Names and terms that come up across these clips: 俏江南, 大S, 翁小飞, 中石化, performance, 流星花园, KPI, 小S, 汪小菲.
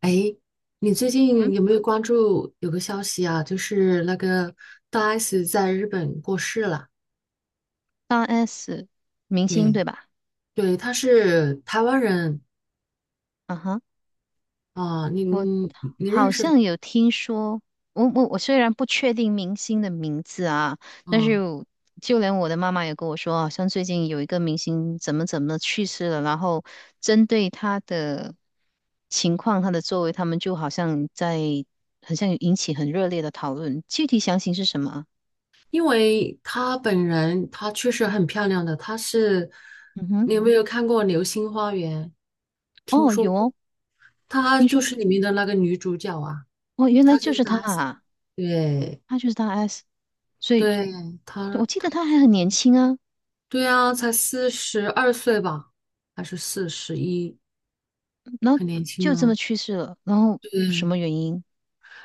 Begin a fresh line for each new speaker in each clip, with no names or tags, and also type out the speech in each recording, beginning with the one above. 哎，你最近有没有关注有个消息啊？就是那个大 S 在日本过世了。
八 S 明星
对
对吧？
对，她是台湾人
啊哈，
啊，你
我
你你认
好
识的
像有听说，我虽然不确定明星的名字啊，但是
啊？
我就连我的妈妈也跟我说，好像最近有一个明星怎么怎么去世了，然后针对他的情况、他的作为，他们就好像在有引起很热烈的讨论，具体详情是什么啊？
因为她本人她确实很漂亮的，
嗯哼，
你有没有看过《流星花园》？听
哦，
说
有
过，
哦，
她
听
就
说，
是里面的那个女主角啊，
哦，原来
她
就
就是
是他
大 S 啊。
啊，
对
他就是大 S，所以
对，她
我记得
她。
他还很年轻啊。
对呀，才42岁吧，还是41，
然后
很年轻
就这么
呢。
去世了，然后什
对，
么原因？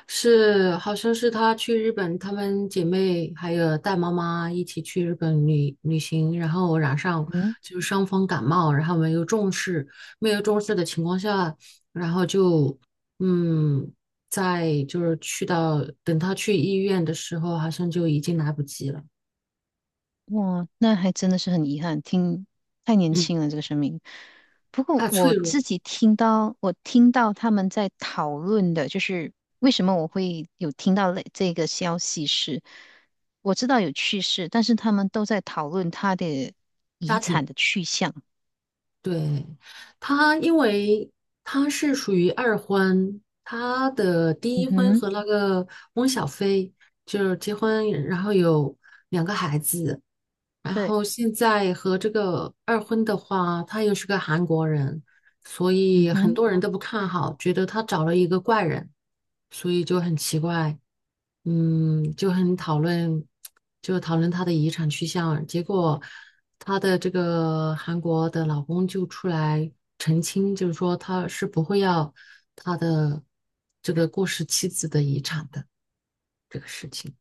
是，好像是她去日本，她们姐妹还有带妈妈一起去日本旅行，然后染上
嗯，
就是伤风感冒，然后没有重视，没有重视的情况下，然后就嗯，在就是去到等她去医院的时候，好像就已经来不及了。
哇，那还真的是很遗憾，听太年
嗯，
轻了这个生命。不过
太脆
我
弱了
自己听到，我听到他们在讨论的，就是为什么我会有听到类这个消息是，我知道有去世，但是他们都在讨论他的遗
家庭。
产的去向。
对，因为他是属于二婚，他的第
嗯
一婚
哼，
和那个翁小飞就是结婚，然后有两个孩子，然
对，
后现在和这个二婚的话，他又是个韩国人，所
嗯
以很
哼。
多人都不看好，觉得他找了一个怪人，所以就很奇怪，就很讨论，就讨论他的遗产去向，结果。她的这个韩国的老公就出来澄清，就是说他是不会要他的这个过世妻子的遗产的这个事情。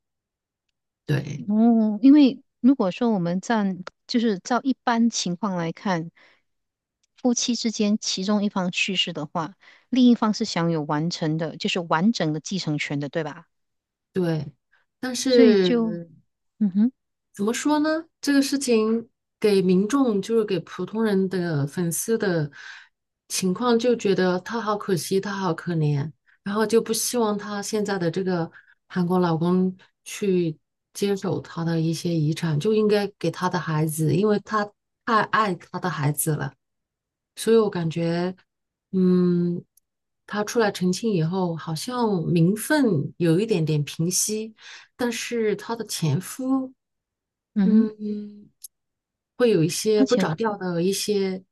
对
哦，因为如果说我们站，就是照一般情况来看，夫妻之间其中一方去世的话，另一方是享有完成的，就是完整的继承权的，对吧？
对，但
所以就，
是
嗯哼，
怎么说呢？这个事情给民众，就是给普通人的粉丝的情况，就觉得他好可惜，他好可怜，然后就不希望他现在的这个韩国老公去接手他的一些遗产，就应该给他的孩子，因为他太爱他的孩子了。所以我感觉，嗯，他出来澄清以后，好像名分有一点点平息，但是她的前夫。
嗯哼，
嗯，会有一些
而
不
且，
着调的一些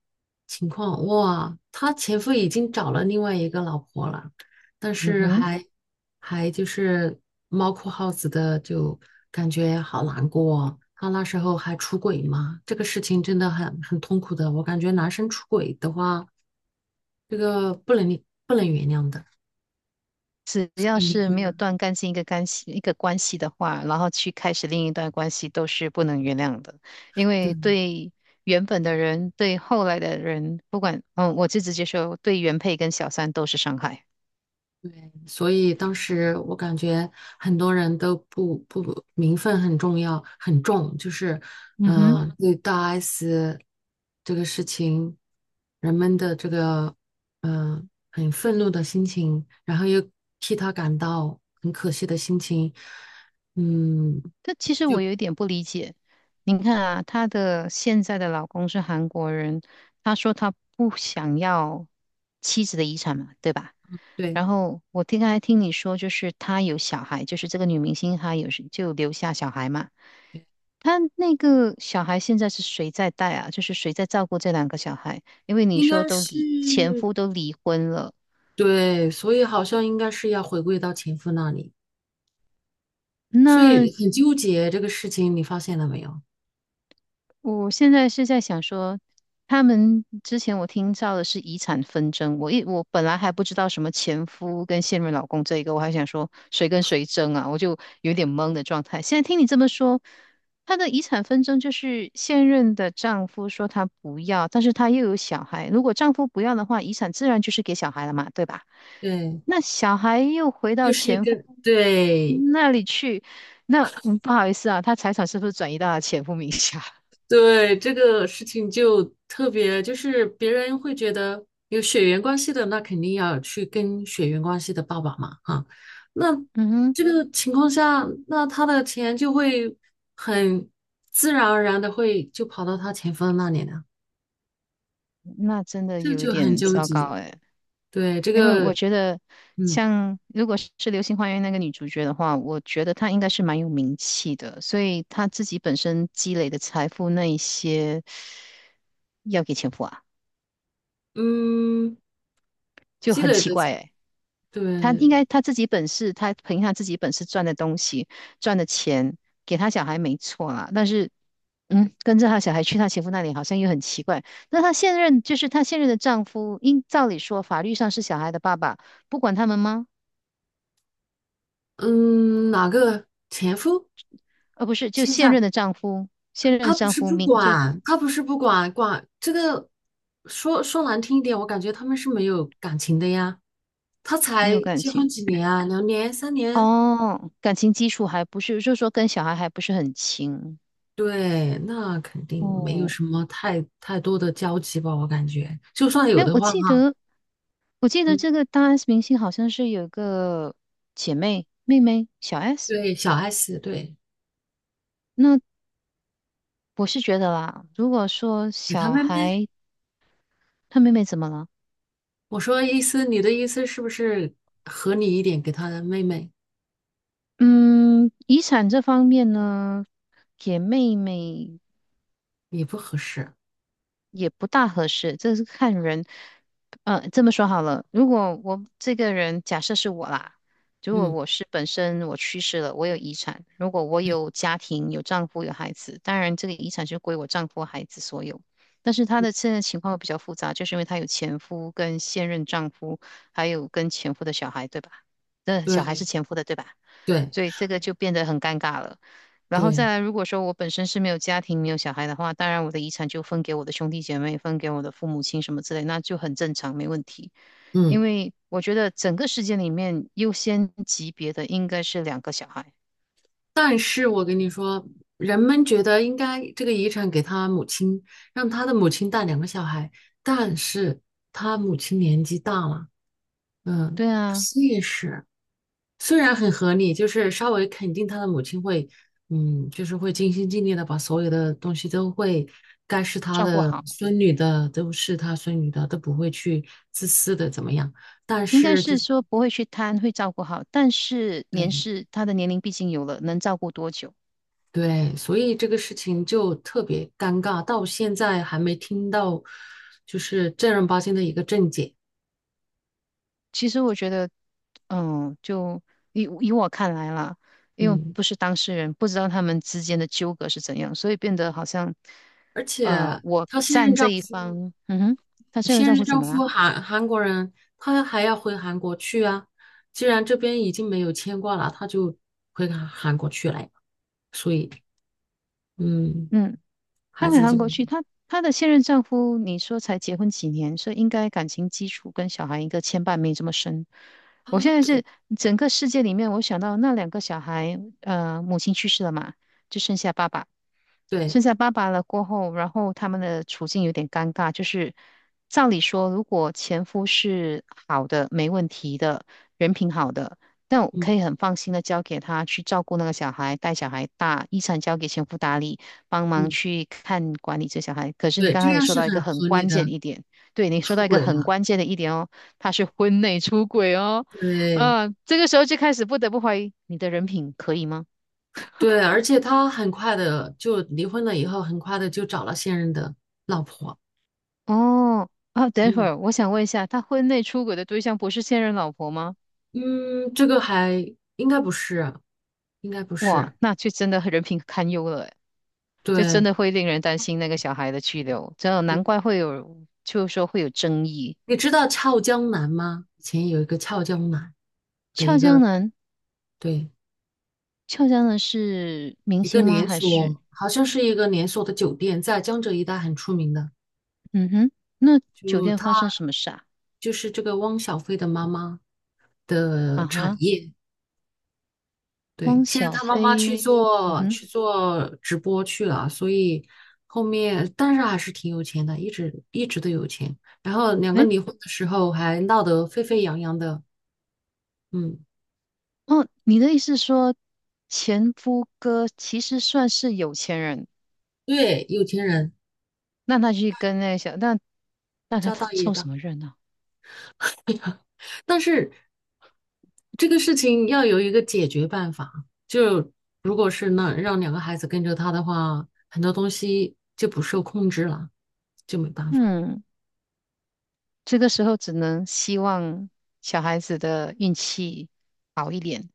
情况。哇，她前夫已经找了另外一个老婆了，但
嗯
是
哼，
还就是猫哭耗子的，就感觉好难过他那时候还出轨嘛，这个事情真的很痛苦的。我感觉男生出轨的话，这个不能原谅的。
只要是
对
没有断干净一个干系一个关系的话，然后去开始另一段关系，都是不能原谅的，因
对
为对。原本的人对后来的人，不管，嗯，我就直接说，对原配跟小三都是伤害。
对，所以当时我感觉很多人都不名分很重要很重，就是
嗯哼。
对大 S 这个事情，人们的这个嗯、呃很愤怒的心情，然后又替他感到很可惜的心情，嗯，
但其实我有一点不理解，你看啊，她的现在的老公是韩国人，她说她不想要妻子的遗产嘛，对吧？
对，
然后刚才听你说，就是她有小孩，就是这个女明星她有就留下小孩嘛。她那个小孩现在是谁在带啊？就是谁在照顾这两个小孩？因为你
应
说
该
都
是
离前夫都离婚了，
对，所以好像应该是要回归到前夫那里，所
那
以很纠结这个事情，你发现了没有？
我现在是在想说，他们之前我听到的是遗产纷争，我本来还不知道什么前夫跟现任老公这一个，我还想说谁跟谁争啊，我就有点懵的状态。现在听你这么说，他的遗产纷争就是现任的丈夫说他不要，但是他又有小孩，如果丈夫不要的话，遗产自然就是给小孩了嘛，对吧？
对，
那小孩又回
又
到
是
前夫
跟，对
那里去，那嗯不好意思啊，他财产是不是转移到他前夫名下？
对，这个事情就特别，就是别人会觉得有血缘关系的，那肯定要去跟血缘关系的爸爸嘛，哈、那
嗯哼。
这个情况下，那他的钱就会很自然而然的会就跑到他前夫那里了，
那真的
这
有一
就很
点
纠
糟糕
结。
诶，
对，这
因为我
个，
觉得
嗯
像如果是《流星花园》那个女主角的话，我觉得她应该是蛮有名气的，所以她自己本身积累的财富那一些要给前夫啊，
嗯，
就
积
很
累
奇
的
怪
财
诶。
对，
她应该她自己本事，她凭她自己本事赚的东西赚的钱给她小孩没错啦，但是嗯，跟着他小孩去她前夫那里，好像又很奇怪。那她现任就是她现任的丈夫，应照理说法律上是小孩的爸爸，不管他们吗？
嗯，哪个前夫？
呃，不是，就
现
现
在？
任的丈夫，现任
他
的
不
丈
是
夫
不
明就
管，他不是不管，管这个说说难听一点，我感觉他们是没有感情的呀。他
没有
才
感
结婚
情。
几年啊，2年、3年，
哦，感情基础还不是，就是说跟小孩还不是很亲
对，那肯定没有
哦。
什么太多的交集吧，我感觉。就算有
哎，
的
我
话，
记
哈，
得我记得
嗯，
这个大 S 明星好像是有个妹妹小 S，
对，小 S，对，
那我是觉得啦，如果说
给他
小
妹妹。
孩她妹妹怎么了？
我说意思，你的意思是不是合理一点，给他的妹妹
嗯，遗产这方面呢，给妹妹
也不合适？
也不大合适，这是看人。呃，这么说好了，如果我这个人假设是我啦，如果
嗯，
我是本身我去世了，我有遗产，如果我有家庭，有丈夫，有孩子，当然这个遗产就归我丈夫、孩子所有。但是她的现在情况会比较复杂，就是因为她有前夫跟现任丈夫，还有跟前夫的小孩，对吧？那小孩是
对，
前夫的，对吧？
对，
所以这个就变得很尴尬了。然后再
对，
来，如果说我本身是没有家庭、没有小孩的话，当然我的遗产就分给我的兄弟姐妹、分给我的父母亲什么之类，那就很正常，没问题。
嗯。
因为我觉得整个世界里面优先级别的应该是两个小孩，
但是我跟你说，人们觉得应该这个遗产给他母亲，让他的母亲带两个小孩，但是他母亲年纪大了，
对
不
啊，
现实。虽然很合理，就是稍微肯定他的母亲会，就是会尽心尽力的把所有的东西都会，该是他
照顾
的
好，
孙女的都是他孙女的，都不会去自私的怎么样。但
应该
是就
是
是
说不会去贪，会照顾好，但是年
对。
事他的年龄毕竟有了，能照顾多久？
对，所以这个事情就特别尴尬，到现在还没听到就是正儿八经的一个正解。
其实我觉得，嗯，就以我看来啦，因为
嗯，
不是当事人，不知道他们之间的纠葛是怎样，所以变得好像，
而且
呃，我
她现任
站这
丈
一
夫，
方，嗯哼，她现任
现
丈
任
夫怎
丈
么啦？
夫韩国人，他还要回韩国去啊。既然这边已经没有牵挂了，他就回韩国去了呀。所以，嗯，
嗯，
孩
她回
子就
韩国去，她她的现任丈夫，你说才结婚几年，所以应该感情基础跟小孩一个牵绊没这么深。
啊，
我现在
对
是整个世界里面，我想到那两个小孩，呃，母亲去世了嘛，就剩下爸爸。
对，
生下爸爸了过后，然后他们的处境有点尴尬，就是照理说，如果前夫是好的、没问题的、人品好的，那我
嗯
可以很放心的交给他去照顾那个小孩，带小孩大，遗产交给前夫打理，帮忙
嗯，
去看管理这小孩。可是你
对，
刚
这
才你
样
说
是
到一
很
个很
合理
关键的
的
一点，对你说
出
到一个
轨
很
了。
关键的一点哦，他是婚内出轨哦，
对。
啊，这个时候就开始不得不怀疑你的人品可以吗？
对，而且他很快的就离婚了，以后很快的就找了现任的老婆。
哦，啊，等会
嗯
儿我想问一下，他婚内出轨的对象不是现任老婆吗？
嗯，这个还应该不是，应该不是。
哇，那就真的人品堪忧了诶，就真
对
的会令人担心那个小孩的去留，真的
对，
难怪会有，就是说会有争议。
你知道俏江南吗？以前有一个俏江南的一
俏江
个，
南，
对，
俏江南是明
一
星
个
吗？
连
还是
锁，好像是一个连锁的酒店，在江浙一带很出名的。
嗯哼？那酒
就
店发
他
生什么事啊？
就是这个汪小菲的妈妈的
啊
产
哈，
业。对，
汪
现在
小
他妈去
菲，嗯
做去
哼，
做直播去了，所以后面但是还是挺有钱的，一直一直都有钱。然后两个
诶，
离婚的时候还闹得沸沸扬扬的，嗯，
哦，你的意思是说前夫哥其实算是有钱人？
对，有钱人
那他去跟那个小，那那他
家
他
大业
凑什
大。
么热闹？
但是这个事情要有一个解决办法，就如果是那让两个孩子跟着他的话，很多东西就不受控制了，就没办法，
嗯，这个时候只能希望小孩子的运气好一点，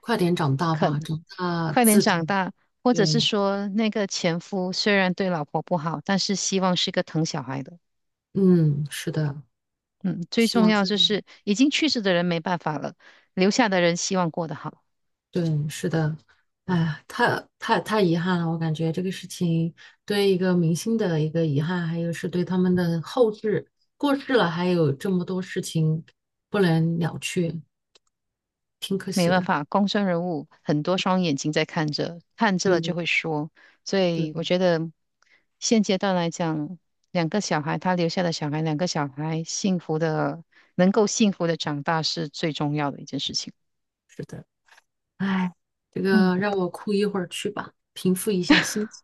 快点长大吧，长大
快点
自主，
长大，或者是
对。
说那个前夫虽然对老婆不好，但是希望是个疼小孩的。
嗯，是的，
嗯，最
希
重
望
要
自
就
己，
是已经去世的人没办法了，留下的人希望过得好。
对，是的，哎呀，太遗憾了，我感觉这个事情对一个明星的一个遗憾，还有是对他们的后世过世了，还有这么多事情不能了却，挺可
没
惜
办
的。
法，公众人物很多双眼睛在看着，看着了
对
就会说，所
对，
以我觉得现阶段来讲，两个小孩，他留下的小孩，两个小孩幸福的，能够幸福的长大是最重要的一件事情。
是的，哎，这
嗯，
个让我哭一会儿去吧，平复一下心情，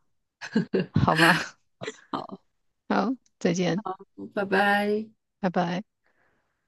好 吧，好，再见，
拜拜。
拜拜。